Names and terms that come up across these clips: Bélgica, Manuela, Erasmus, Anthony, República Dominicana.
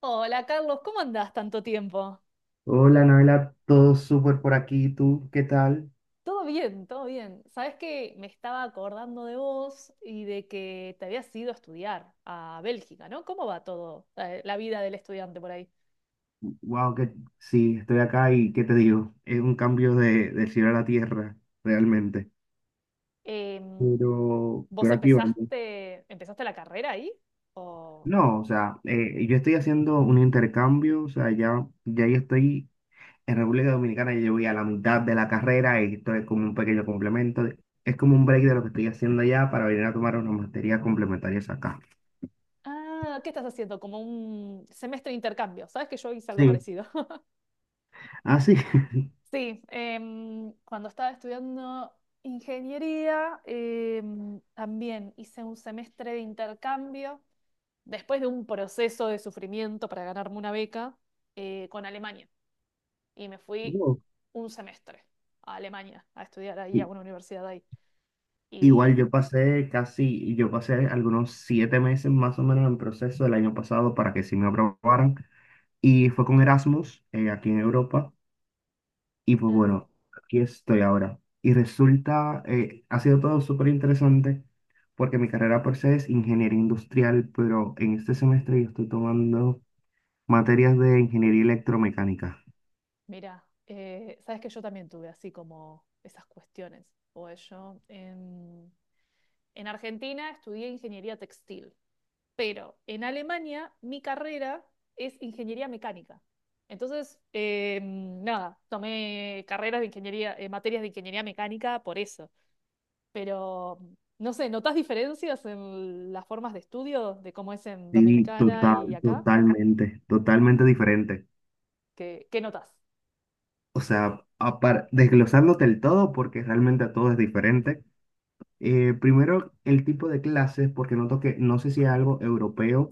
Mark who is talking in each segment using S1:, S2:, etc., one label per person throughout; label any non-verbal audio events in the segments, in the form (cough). S1: Hola Carlos, ¿cómo andás tanto tiempo?
S2: Hola, Noela, todo súper por aquí. ¿Tú qué tal?
S1: Todo bien, todo bien. Sabes que me estaba acordando de vos y de que te habías ido a estudiar a Bélgica, ¿no? ¿Cómo va todo, la vida del estudiante por ahí?
S2: Wow, que sí, estoy acá y ¿qué te digo? Es un cambio del cielo a la tierra, realmente.
S1: Em,
S2: Pero,
S1: ¿vos
S2: pero aquí vamos.
S1: empezaste la carrera ahí? ¿O...
S2: No, o sea, yo estoy haciendo un intercambio. O sea, ya yo estoy en República Dominicana. Yo voy a la mitad de la carrera y esto es como un pequeño complemento. Es como un break de lo que estoy haciendo allá para venir a tomar unas materias complementarias acá.
S1: Ah, ¿qué estás haciendo? Como un semestre de intercambio. Sabes que yo hice algo
S2: Sí.
S1: parecido. (laughs)
S2: Ah, sí. (laughs)
S1: Sí, cuando estaba estudiando ingeniería, también hice un semestre de intercambio después de un proceso de sufrimiento para ganarme una beca, con Alemania. Y me fui
S2: Wow.
S1: un semestre a Alemania a estudiar ahí, a una universidad ahí.
S2: Igual
S1: Y
S2: yo pasé algunos 7 meses más o menos en proceso el año pasado para que sí me aprobaran, y fue con Erasmus, aquí en Europa. Y pues
S1: ah,
S2: bueno, aquí estoy ahora. Y resulta, ha sido todo súper interesante, porque mi carrera por se es ingeniería industrial, pero en este semestre yo estoy tomando materias de ingeniería electromecánica.
S1: mira, sabes que yo también tuve así como esas cuestiones. Pues yo en Argentina estudié ingeniería textil, pero en Alemania mi carrera es ingeniería mecánica. Entonces, nada, tomé carreras de ingeniería, materias de ingeniería mecánica por eso, pero no sé, ¿notas diferencias en las formas de estudio de cómo es en
S2: Sí,
S1: Dominicana y
S2: total,
S1: acá?
S2: totalmente diferente.
S1: ¿Qué notas?
S2: O sea, desglosándote el todo, porque realmente a todo es diferente. Primero, el tipo de clases, porque noto que, no sé si es algo europeo,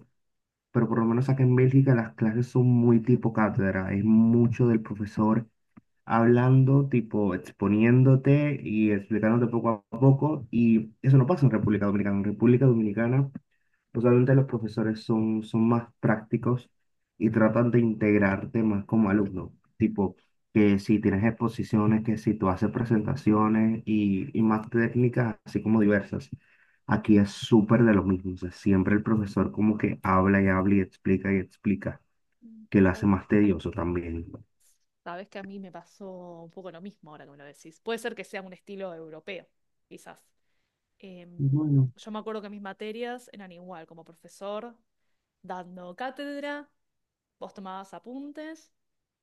S2: pero por lo menos acá en Bélgica las clases son muy tipo cátedra. Es mucho del profesor hablando, tipo exponiéndote y explicándote poco a poco. Y eso no pasa en República Dominicana. En República Dominicana usualmente los profesores son más prácticos y tratan de integrarte más como alumno. Tipo, que si tienes exposiciones, que si tú haces presentaciones, y más técnicas, así como diversas. Aquí es súper de lo mismo. O sea, siempre el profesor como que habla y habla y explica,
S1: Mm.
S2: que lo hace
S1: sab-
S2: más tedioso también.
S1: Sabes que a mí me pasó un poco lo mismo ahora que me lo decís. Puede ser que sea un estilo europeo, quizás. Em,
S2: Bueno,
S1: yo me acuerdo que mis materias eran igual, como profesor dando cátedra, vos tomabas apuntes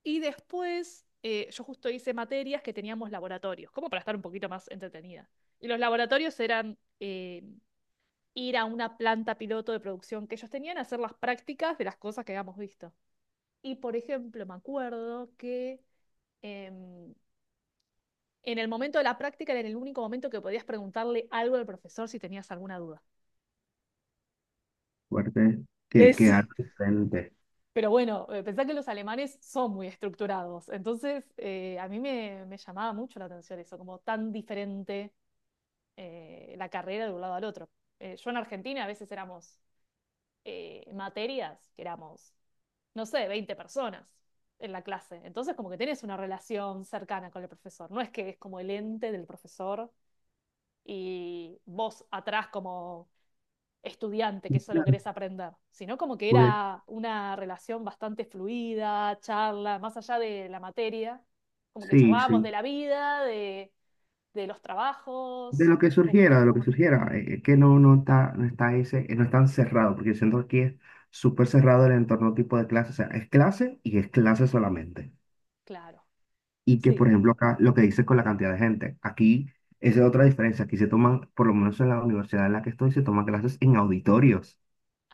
S1: y después yo justo hice materias que teníamos laboratorios, como para estar un poquito más entretenida. Y los laboratorios eran ir a una planta piloto de producción que ellos tenían, hacer las prácticas de las cosas que habíamos visto. Y por ejemplo, me acuerdo que em, en el momento de la práctica era el único momento que podías preguntarle algo al profesor si tenías alguna duda.
S2: fuerte,
S1: Eh,
S2: que
S1: sí.
S2: algo diferente.
S1: Pero bueno, pensá que los alemanes son muy estructurados, entonces a mí me llamaba mucho la atención eso, como tan diferente la carrera de un lado al otro. Yo en Argentina a veces éramos materias, que éramos, no sé, 20 personas en la clase. Entonces, como que tenés una relación cercana con el profesor. No es que es como el ente del profesor y vos atrás como estudiante que solo
S2: Claro.
S1: querés aprender, sino como que
S2: Pues,
S1: era una relación bastante fluida, charla, más allá de la materia, como que
S2: sí,
S1: charlábamos de
S2: sí.
S1: la vida, de los
S2: De
S1: trabajos,
S2: lo que
S1: un poco de
S2: surgiera, de
S1: todo,
S2: lo que surgiera, es que no está ese, no es tan cerrado, porque yo siento que aquí es súper cerrado el entorno tipo de clase. O sea, es clase y es clase solamente.
S1: claro,
S2: Y que,
S1: sí.
S2: por ejemplo, acá lo que dices con la cantidad de gente, aquí esa es otra diferencia. Aquí se toman, por lo menos en la universidad en la que estoy, se toman clases en auditorios.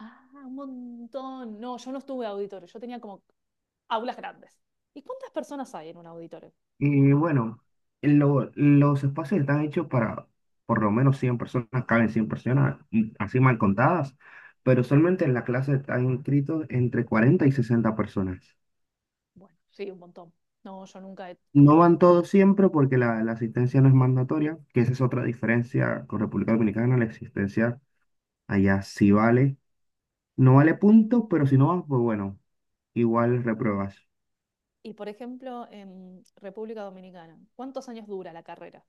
S1: Ah, un montón. No, yo no estuve auditorio, yo tenía como aulas grandes. ¿Y cuántas personas hay en un auditorio?
S2: Y bueno, los espacios están hechos para por lo menos 100 personas, caben 100 personas, y así mal contadas, pero solamente en la clase están inscritos entre 40 y 60 personas.
S1: Bueno, sí, un montón. No, yo nunca he
S2: No
S1: tenido.
S2: van todos siempre, porque la asistencia no es mandatoria, que esa es otra diferencia con República Dominicana. La asistencia allá sí vale, no vale punto, pero si no vas, pues bueno, igual repruebas.
S1: Y por ejemplo, en República Dominicana, ¿cuántos años dura la carrera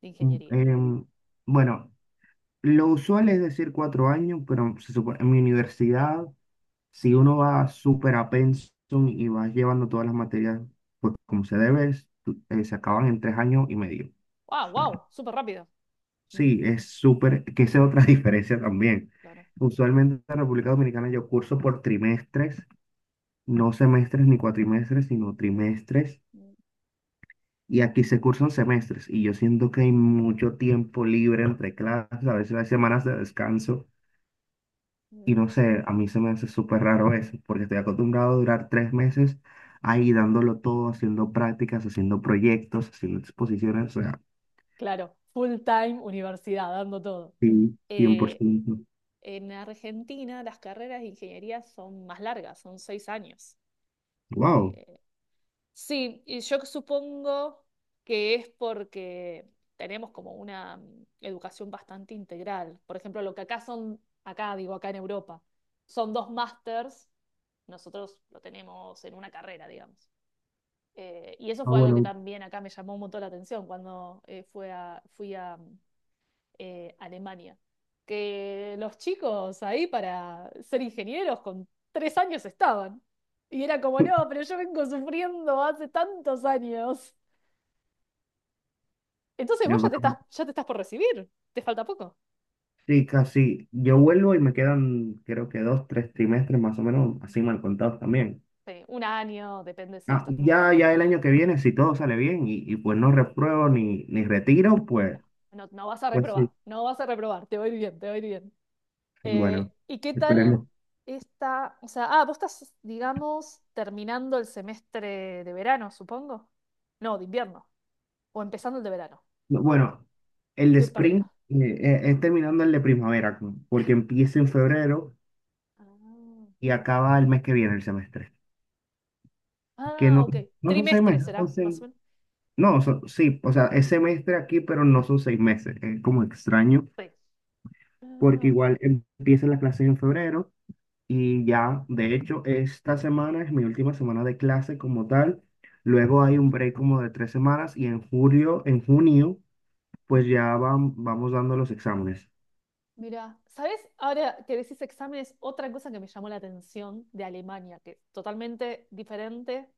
S1: de
S2: Mm,
S1: ingeniería?
S2: em, bueno, lo usual es decir 4 años, pero en mi universidad, si uno va súper a pensum y va llevando todas las materias, pues como se debe, se acaban en 3 años y medio.
S1: ¡Wow, wow! Súper rápido.
S2: Sí,
S1: Mm,
S2: es súper, que esa es otra (laughs) diferencia también.
S1: claro.
S2: Usualmente en República Dominicana yo curso por trimestres, no semestres ni cuatrimestres, sino trimestres. Y aquí se cursan semestres, y yo siento que hay mucho tiempo libre entre clases, a veces hay semanas de descanso. Y
S1: Mm,
S2: no sé, a mí se me hace súper raro eso, porque estoy acostumbrado a durar 3 meses ahí dándolo todo, haciendo prácticas, haciendo proyectos, haciendo exposiciones. O sea,
S1: claro, full time universidad, dando todo.
S2: sí,
S1: Eh,
S2: 100%.
S1: en Argentina las carreras de ingeniería son más largas, son 6 años.
S2: Wow.
S1: Eh, Sí, y yo supongo que es porque tenemos como una educación bastante integral. Por ejemplo, lo que acá son, acá digo, acá en Europa, son dos másters, nosotros lo tenemos en una carrera, digamos. Y eso
S2: Ah,
S1: fue algo que
S2: bueno.
S1: también acá me llamó un montón la atención cuando fui a, Alemania. Que los chicos ahí para ser ingenieros con 3 años estaban. Y era como, no,
S2: (laughs)
S1: pero yo vengo sufriendo hace tantos años. Entonces
S2: yo
S1: vos ya te
S2: creo
S1: estás, ya te estás por recibir. Te falta poco.
S2: Sí, casi. Yo vuelvo y me quedan, creo que 2, 3 trimestres más o menos, así mal contados también.
S1: Sí, un año, depende si
S2: Ah,
S1: estás.
S2: ya el año que viene, si todo sale bien, y pues no repruebo ni retiro,
S1: No,
S2: pues,
S1: no, no vas a
S2: pues
S1: reprobar.
S2: sí.
S1: No vas a reprobar. Te va a ir bien, te va a ir bien.
S2: Bueno,
S1: ¿Y qué tal
S2: esperemos.
S1: esta? O sea, ah, vos estás, digamos, terminando el semestre de verano, supongo. No, de invierno. O empezando el de verano.
S2: No, bueno, el de
S1: Estoy
S2: spring,
S1: perdida.
S2: es terminando el de primavera, porque empieza en febrero
S1: Ah,
S2: y acaba el mes que viene el semestre. Que
S1: ah,
S2: no,
S1: ok.
S2: no son seis
S1: Trimestre
S2: meses,
S1: será, más o menos.
S2: no, sí, o sea, es semestre aquí, pero no son 6 meses. Es como extraño.
S1: Sí.
S2: Porque
S1: Ah, ok.
S2: igual empiezan las clases en febrero y ya, de hecho, esta semana es mi última semana de clase como tal. Luego hay un break como de 3 semanas, y en julio, en junio, pues ya vamos dando los exámenes.
S1: Mirá, ¿sabes? Ahora que decís exámenes, otra cosa que me llamó la atención de Alemania, que es totalmente diferente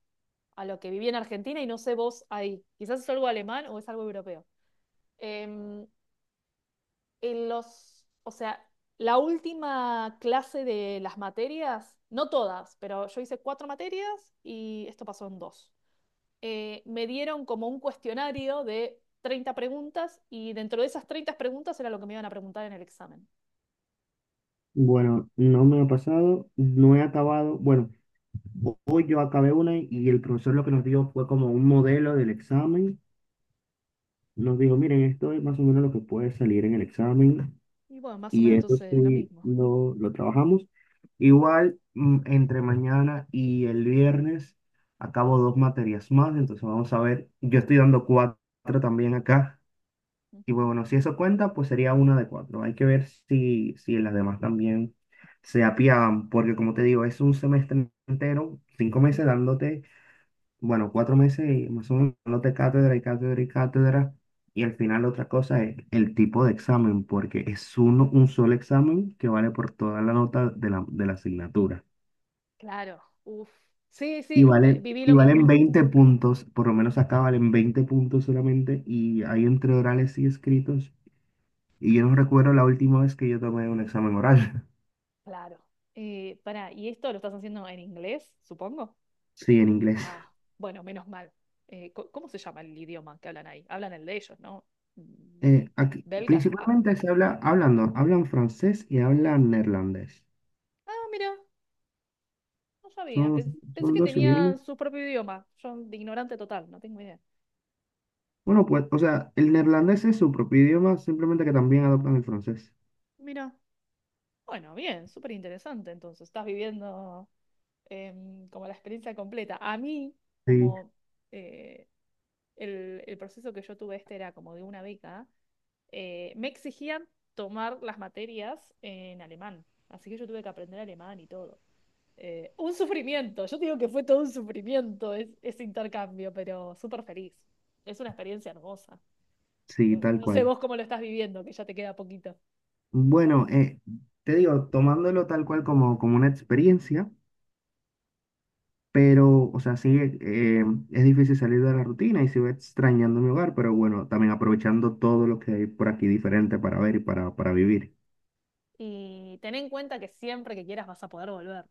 S1: a lo que viví en Argentina y no sé vos ahí. Quizás es algo alemán o es algo europeo. Em, o sea, la última clase de las materias, no todas, pero yo hice cuatro materias y esto pasó en dos. Me dieron como un cuestionario de 30 preguntas y dentro de esas 30 preguntas era lo que me iban a preguntar en el examen.
S2: Bueno, no me ha pasado, no he acabado. Bueno, hoy yo acabé una y el profesor lo que nos dio fue como un modelo del examen. Nos dijo, miren, esto es más o menos lo que puede salir en el examen.
S1: Y bueno, más o
S2: Y
S1: menos
S2: eso
S1: entonces lo
S2: sí
S1: mismo.
S2: lo trabajamos. Igual, entre mañana y el viernes acabo dos materias más, entonces vamos a ver. Yo estoy dando cuatro también acá. Y
S1: Ujú.
S2: bueno, si eso cuenta, pues sería una de cuatro. Hay que ver si las demás también se apiadan, porque como te digo, es un semestre entero, 5 meses dándote, bueno, 4 meses y más o menos, de cátedra y cátedra y cátedra. Y al final otra cosa es el tipo de examen, porque es uno, un solo examen que vale por toda la nota de la asignatura.
S1: Claro, uff. Sí,
S2: Y
S1: sí,
S2: valen,
S1: viví
S2: y
S1: lo
S2: valen
S1: mismo.
S2: 20 puntos, por lo menos acá valen 20 puntos solamente, y hay entre orales y escritos. Y yo no recuerdo la última vez que yo tomé un examen oral. (laughs)
S1: Claro. Pará, ¿y esto lo estás haciendo en inglés, supongo?
S2: Sí, en inglés.
S1: Ah, bueno, menos mal. ¿Cómo se llama el idioma que hablan ahí? Hablan el de ellos, ¿no? Mm.
S2: Aquí,
S1: ¿Belga? Ah,
S2: principalmente se habla, hablan, no, hablan francés y hablan neerlandés.
S1: ah, mira, no sabía.
S2: Son,
S1: Pensé,
S2: son
S1: que
S2: dos idiomas.
S1: tenían su propio idioma. Yo, de ignorante total, no tengo idea.
S2: Bueno, pues, o sea, el neerlandés es su propio idioma, simplemente que también adoptan el francés.
S1: Mira, bueno, bien, súper interesante. Entonces, estás viviendo como la experiencia completa. A mí,
S2: Sí,
S1: como eh, el proceso que yo tuve este era como de una beca, me exigían tomar las materias en alemán. Así que yo tuve que aprender alemán y todo. Un sufrimiento, yo te digo que fue todo un sufrimiento ese intercambio, pero súper feliz. Es una experiencia hermosa.
S2: sí,
S1: No,
S2: tal
S1: no sé
S2: cual.
S1: vos cómo lo estás viviendo, que ya te queda poquito.
S2: Bueno, te digo, tomándolo tal cual como una experiencia, pero, o sea, sí, es difícil salir de la rutina y sigo extrañando mi hogar, pero bueno, también aprovechando todo lo que hay por aquí diferente para ver y para vivir.
S1: Y ten en cuenta que siempre que quieras vas a poder volver.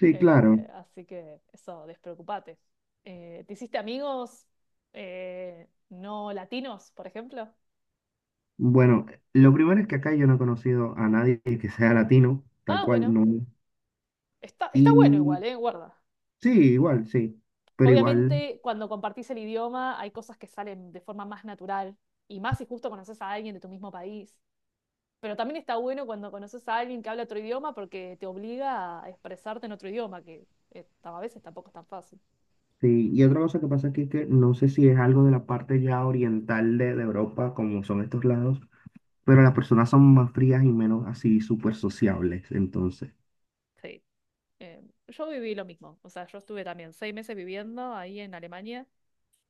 S2: Sí, claro.
S1: Así que eso, despreocupate. ¿Te hiciste amigos no latinos, por ejemplo?
S2: Bueno, lo primero es que acá yo no he conocido a nadie que sea latino, tal
S1: Ah,
S2: cual,
S1: bueno,
S2: no.
S1: está bueno
S2: Y
S1: igual, ¿eh? Guarda.
S2: sí, igual, sí. Pero igual.
S1: Obviamente, cuando compartís el idioma, hay cosas que salen de forma más natural y más si justo conoces a alguien de tu mismo país. Pero también está bueno cuando conoces a alguien que habla otro idioma porque te obliga a expresarte en otro idioma, que a veces tampoco es tan fácil.
S2: Sí, y otra cosa que pasa aquí que no sé si es algo de la parte ya oriental de Europa, como son estos lados, pero las personas son más frías y menos así súper sociables, entonces.
S1: Sí. Eh, yo viví lo mismo, o sea, yo estuve también 6 meses viviendo ahí en Alemania.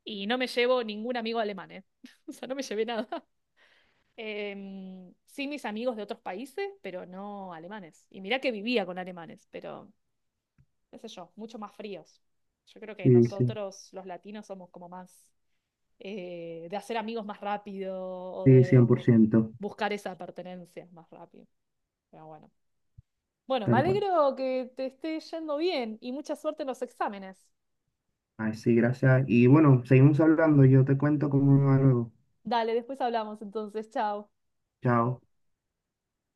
S1: Y no me llevo ningún amigo alemán, ¿eh? (laughs) O sea, no me llevé nada. (laughs) Sí, mis amigos de otros países, pero no alemanes. Y mirá que vivía con alemanes, pero, qué sé yo, mucho más fríos. Yo creo que
S2: Sí, sí,
S1: nosotros, los latinos, somos como más de hacer amigos más rápido o
S2: sí, cien
S1: de
S2: por ciento,
S1: buscar esa pertenencia más rápido. Pero bueno. Bueno, me
S2: tal cual.
S1: alegro que te esté yendo bien y mucha suerte en los exámenes.
S2: Así, gracias. Y bueno, seguimos hablando, yo te cuento cómo me va luego.
S1: Dale, después hablamos entonces. Chao.
S2: Chao.